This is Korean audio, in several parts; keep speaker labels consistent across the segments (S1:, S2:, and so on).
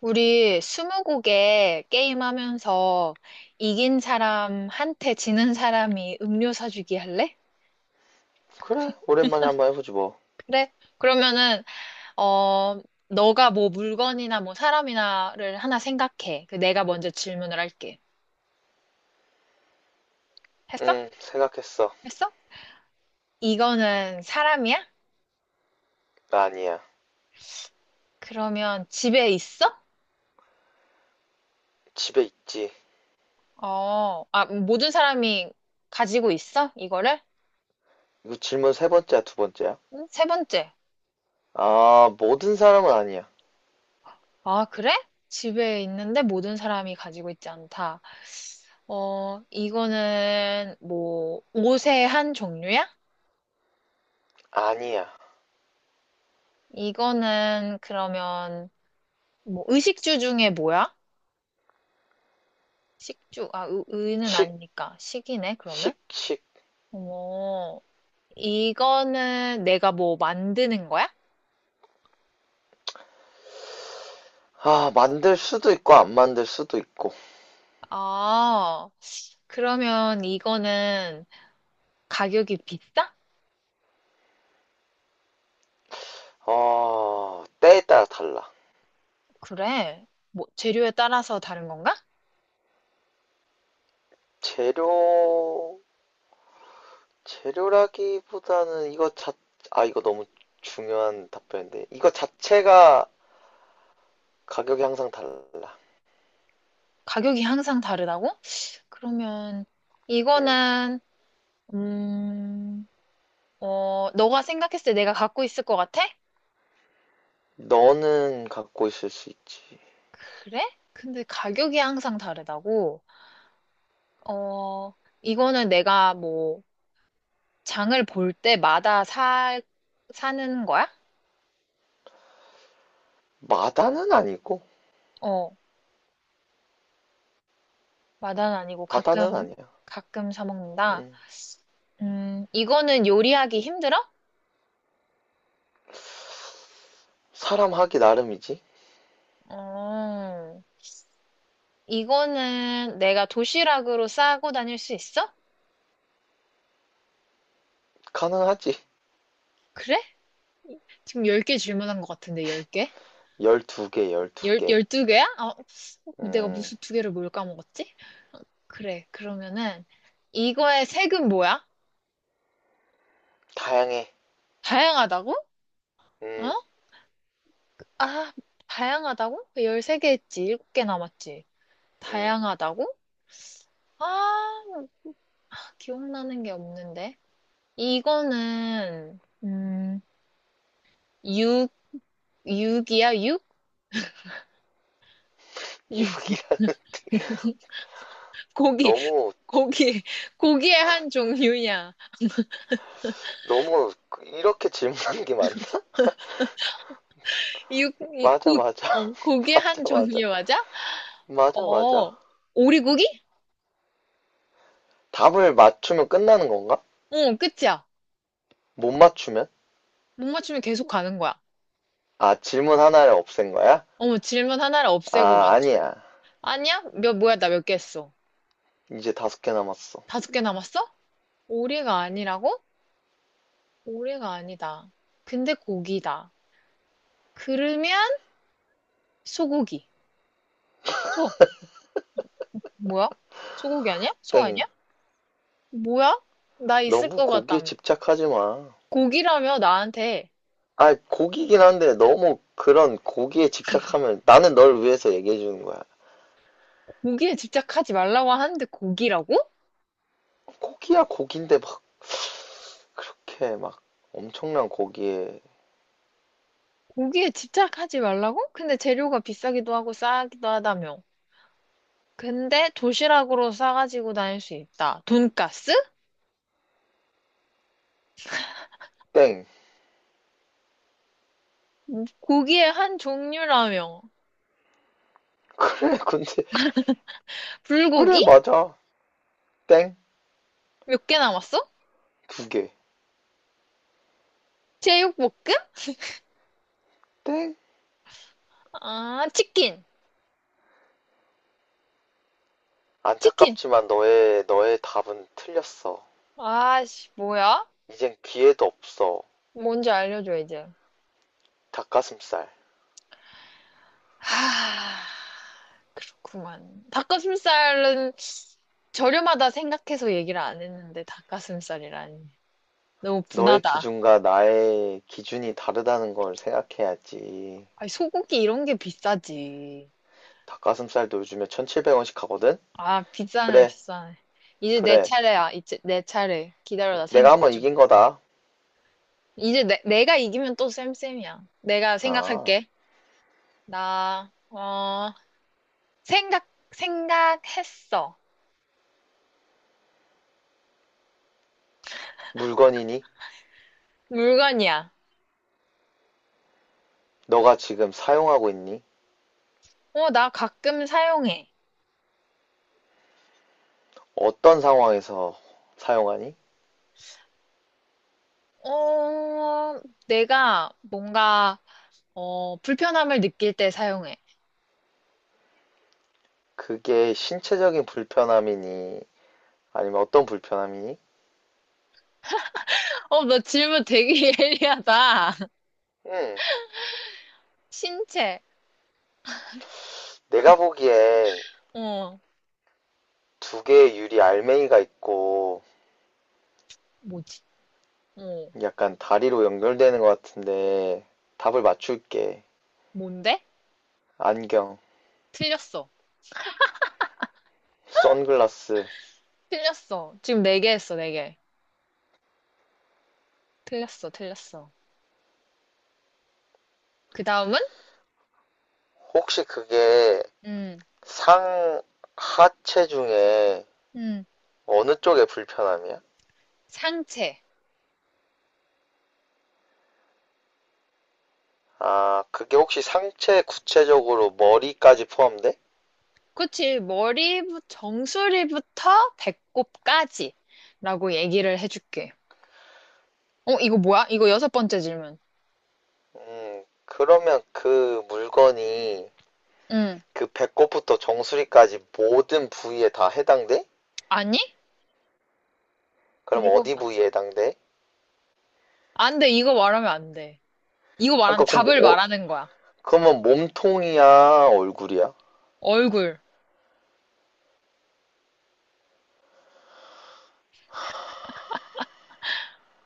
S1: 우리 스무고개 게임하면서 이긴 사람한테 지는 사람이 음료 사주기 할래?
S2: 그래, 오랜만에 한번 해보지 뭐.
S1: 그래? 그러면은 어 너가 뭐 물건이나 뭐 사람이나를 하나 생각해. 그 내가 먼저 질문을 할게. 했어?
S2: 응, 생각했어.
S1: 했어? 이거는 사람이야?
S2: 나 아니야.
S1: 그러면 집에 있어?
S2: 집에 있지.
S1: 아, 모든 사람이 가지고 있어? 이거를?
S2: 이거 질문 세 번째야, 두 번째야?
S1: 응? 세 번째.
S2: 아, 모든 사람은 아니야.
S1: 아, 그래? 집에 있는데 모든 사람이 가지고 있지 않다. 이거는 뭐 옷의 한 종류야?
S2: 아니야.
S1: 이거는 그러면 뭐 의식주 중에 뭐야? 식주, 아, 의는
S2: 식,
S1: 아니니까 식이네, 그러면?
S2: 식, 식.
S1: 어, 이거는 내가 뭐 만드는 거야?
S2: 아, 만들 수도 있고, 안 만들 수도 있고.
S1: 아, 그러면 이거는 가격이 비싸?
S2: 어, 때에 따라 달라.
S1: 그래. 뭐 재료에 따라서 다른 건가?
S2: 재료, 재료라기보다는 아, 이거 너무 중요한 답변인데. 이거 자체가 가격이 항상 달라.
S1: 가격이 항상 다르다고? 그러면
S2: 응.
S1: 이거는 음, 너가 생각했을 때 내가 갖고 있을 것 같아?
S2: 너는 갖고 있을 수 있지.
S1: 그래? 근데 가격이 항상 다르다고? 어, 이거는 내가 뭐, 장을 볼 때마다 사는 거야?
S2: 마다는 아니고.
S1: 어, 마다는 아니고
S2: 바다는
S1: 가끔,
S2: 아니야.
S1: 가끔 사 먹는다.
S2: 음,
S1: 이거는 요리하기 힘들어?
S2: 사람 하기 나름이지.
S1: 어, 이거는 내가 도시락으로 싸고 다닐 수 있어?
S2: 가능하지.
S1: 그래? 지금 10개 질문한 것 같은데, 10개?
S2: 12개, 12개.
S1: 12개야? 아, 내가
S2: 음,
S1: 무슨 두 개를 뭘 까먹었지? 그래. 그러면은 이거의 색은 뭐야?
S2: 다양해.
S1: 다양하다고? 어?
S2: 음,
S1: 아, 다양하다고? 13개 했지. 7개 남았지.
S2: 음.
S1: 다양하다고? 아, 기억나는 게 없는데. 이거는 육, 육이야? 육? 육.
S2: 유기가
S1: 고기,
S2: 너무,
S1: 고기, 고기의 한 종류냐
S2: 너무, 이렇게 질문하는 게 맞나?
S1: 육, 이-
S2: 맞아,
S1: 고,
S2: 맞아.
S1: 어, 고기의 한
S2: 맞아, 맞아.
S1: 종류 맞아?
S2: 맞아,
S1: 어,
S2: 맞아.
S1: 오리고기?
S2: 답을 맞추면 끝나는 건가?
S1: 응, 끝이야.
S2: 못 맞추면?
S1: 못 맞추면 계속 가는 거야.
S2: 아, 질문 하나를 없앤 거야?
S1: 어머, 질문 하나를 없애고
S2: 아,
S1: 맞춰.
S2: 아니야.
S1: 아니야? 뭐야, 나 몇 개 했어?
S2: 이제 다섯 개 남았어.
S1: 다섯 개 남았어? 오리가 아니라고? 오리가 아니다. 근데 고기다. 그러면 소고기. 소. 뭐야? 소고기 아니야? 소
S2: 땡.
S1: 아니야? 뭐야? 나 있을
S2: 너무
S1: 것
S2: 거기에
S1: 같다며.
S2: 집착하지 마.
S1: 고기라며 나한테
S2: 아, 고기긴 한데 너무 그런 고기에 집착하면 나는 널 위해서 얘기해 주는 거야.
S1: 고기에 집착하지 말라고 하는데 고기라고?
S2: 고기야 고기인데 막 그렇게 막 엄청난 고기에
S1: 고기에 집착하지 말라고? 근데 재료가 비싸기도 하고 싸기도 하다며. 근데 도시락으로 싸가지고 다닐 수 있다. 돈까스.
S2: 땡.
S1: 고기의 한 종류라며.
S2: 그래, 근데 그래
S1: 불고기?
S2: 맞아. 땡.
S1: 몇 개 남았어?
S2: 두 개.
S1: 제육볶음?
S2: 땡.
S1: 아, 치킨. 치킨.
S2: 안타깝지만 너의 답은 틀렸어.
S1: 아씨, 뭐야?
S2: 이젠 기회도 없어.
S1: 뭔지 알려줘, 이제.
S2: 닭가슴살.
S1: 하, 그렇구만. 닭가슴살은 저렴하다 생각해서 얘기를 안 했는데, 닭가슴살이라니. 너무
S2: 너의
S1: 분하다.
S2: 기준과 나의 기준이 다르다는 걸 생각해야지.
S1: 아니, 소고기 이런 게 비싸지.
S2: 닭가슴살도 요즘에 1,700원씩 하거든?
S1: 아, 비싸네,
S2: 그래,
S1: 비싸네. 이제 내
S2: 그래.
S1: 차례야. 이제 내 차례. 기다려라,
S2: 내가
S1: 생각
S2: 한번
S1: 중.
S2: 이긴 거다.
S1: 이제 내가 이기면 또 쌤쌤이야. 내가
S2: 아,
S1: 생각할게. 나, 어, 생각했어.
S2: 물건이니?
S1: 물건이야.
S2: 너가 지금 사용하고 있니?
S1: 나 가끔 사용해.
S2: 어떤 상황에서 사용하니?
S1: 어, 내가 뭔가, 불편함을 느낄 때 사용해.
S2: 그게 신체적인 불편함이니? 아니면 어떤 불편함이니?
S1: 너 질문 되게 예리하다.
S2: 음,
S1: 신체,
S2: 내가 보기엔
S1: 어,
S2: 두 개의 유리 알맹이가 있고
S1: 뭐지? 어,
S2: 약간 다리로 연결되는 것 같은데 답을 맞출게.
S1: 뭔데?
S2: 안경,
S1: 틀렸어.
S2: 선글라스.
S1: 틀렸어. 지금 네 개 했어, 네 개. 틀렸어, 틀렸어. 그 다음은?
S2: 혹시 그게
S1: 음,
S2: 상하체 중에
S1: 음,
S2: 어느 쪽의 불편함이야?
S1: 상체.
S2: 아, 그게 혹시 상체 구체적으로 머리까지 포함돼?
S1: 그치, 머리, 정수리부터 배꼽까지. 라고 얘기를 해줄게. 이거 뭐야? 이거 여섯 번째 질문.
S2: 그러면 그 물건이
S1: 응.
S2: 그 배꼽부터 정수리까지 모든 부위에 다 해당돼?
S1: 아니?
S2: 그럼
S1: 일곱
S2: 어디
S1: 번째.
S2: 부위에 해당돼?
S1: 안 돼, 이거 말하면 안 돼. 이거 말하면
S2: 아까 그럼
S1: 답을
S2: 뭐,
S1: 말하는 거야.
S2: 그러면 몸통이야, 얼굴이야?
S1: 얼굴,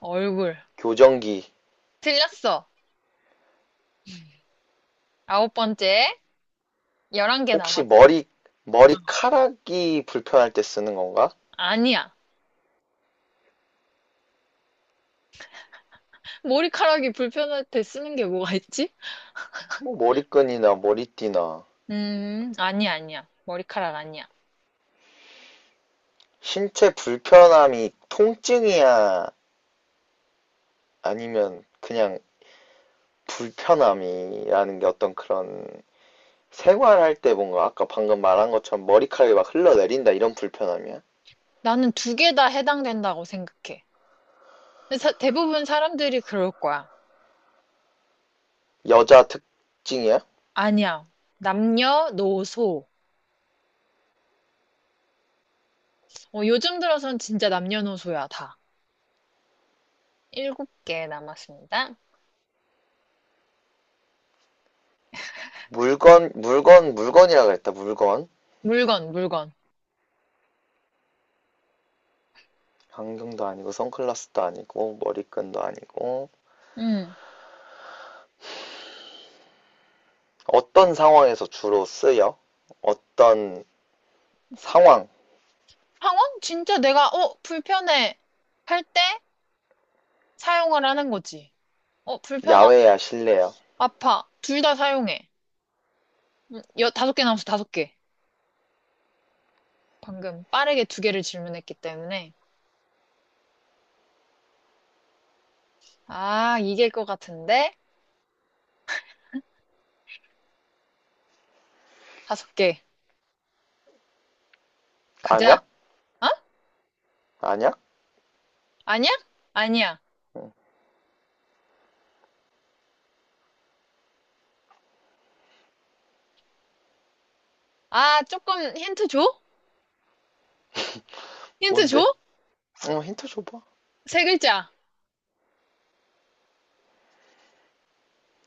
S1: 얼굴.
S2: 교정기.
S1: 틀렸어. 아홉 번째. 열한 개
S2: 혹시
S1: 남았어.
S2: 머리카락이 불편할 때 쓰는 건가?
S1: 아니야. 머리카락이 불편할 때 쓰는 게 뭐가 있지?
S2: 뭐 머리끈이나 머리띠나.
S1: 아니야, 아니야. 머리카락 아니야.
S2: 신체 불편함이 통증이야? 아니면 그냥 불편함이라는 게 어떤 그런 생활할 때 뭔가 아까 방금 말한 것처럼 머리카락이 막 흘러내린다 이런 불편함이야?
S1: 나는 두 개 다 해당된다고 생각해. 근데 대부분 사람들이 그럴 거야.
S2: 여자 특징이야?
S1: 아니야. 남녀노소. 요즘 들어선 진짜 남녀노소야, 다. 일곱 개 남았습니다.
S2: 물건, 물건, 물건이라 그랬다, 물건.
S1: 물건, 물건.
S2: 안경도 아니고 선글라스도 아니고 머리끈도 아니고
S1: 음.
S2: 어떤 상황에서 주로 쓰여? 어떤 상황?
S1: 항원? 진짜 내가, 불편해. 할 때 사용을 하는 거지. 불편하고
S2: 야외야, 실내야?
S1: 아파. 둘 다 사용해. 다섯 개 남았어, 다섯 개. 방금 빠르게 두 개를 질문했기 때문에. 아, 이길 것 같은데? 다섯 개. 가자.
S2: 안약?
S1: 어?
S2: 안약?
S1: 아니야? 아니야.
S2: 응.
S1: 아, 조금 힌트 줘? 힌트 줘?
S2: 뭔데? 응, 힌트 줘봐.
S1: 세 글자.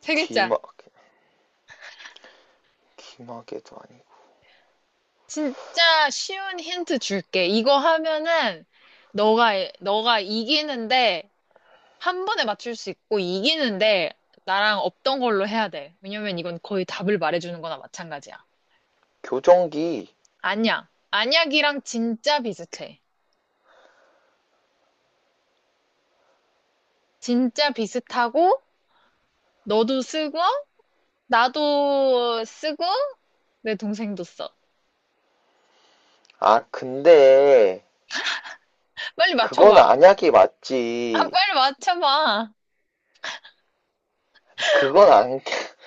S1: 세 글자.
S2: 귀마, 귀마개도 아니고.
S1: 진짜 쉬운 힌트 줄게. 이거 하면은 너가 너가 이기는데 한 번에 맞출 수 있고 이기는데 나랑 없던 걸로 해야 돼. 왜냐면 이건 거의 답을 말해주는 거나 마찬가지야.
S2: 교정기.
S1: 안약. 안약이랑 진짜 비슷해. 진짜 비슷하고 너도 쓰고 나도 쓰고 내 동생도 써.
S2: 아, 근데
S1: 빨리
S2: 그건
S1: 맞춰봐.
S2: 안약이
S1: 아,
S2: 맞지.
S1: 빨리 맞춰봐.
S2: 그건 안,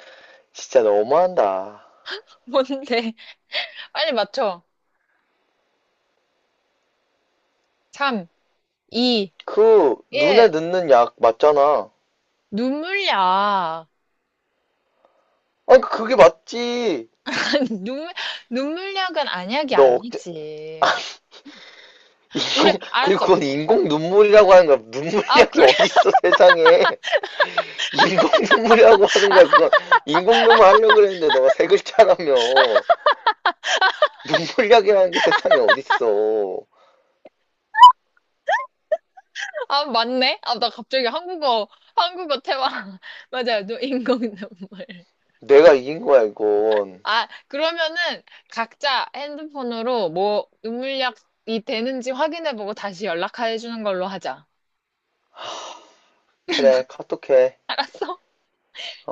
S2: 진짜 너무한다.
S1: 뭔데? 빨리 맞춰. 3. 이,
S2: 그, 눈에
S1: 일.
S2: 넣는 약 맞잖아.
S1: 눈물약.
S2: 아니, 그게 맞지.
S1: 눈물, 눈물약은 안약이
S2: 너 억제, 아,
S1: 아니지.
S2: 그리고
S1: 알았어.
S2: 그건 인공 눈물이라고 하는 거야.
S1: 아,
S2: 눈물약이
S1: 그래?
S2: 어딨어, 세상에. 인공 눈물이라고 하는 거야. 그건 인공 눈물 하려고 그랬는데 너가 세 글자라며. 눈물약이라는 게 세상에 어딨어.
S1: 아, 맞네? 아, 나 갑자기 한국어 태화. 맞아요. 인공 눈물.
S2: 내가 이긴 거야, 이건.
S1: 아, 그러면은 각자 핸드폰으로 뭐 눈물약이 되는지 확인해보고 다시 연락해 주는 걸로 하자.
S2: 그래, 카톡해.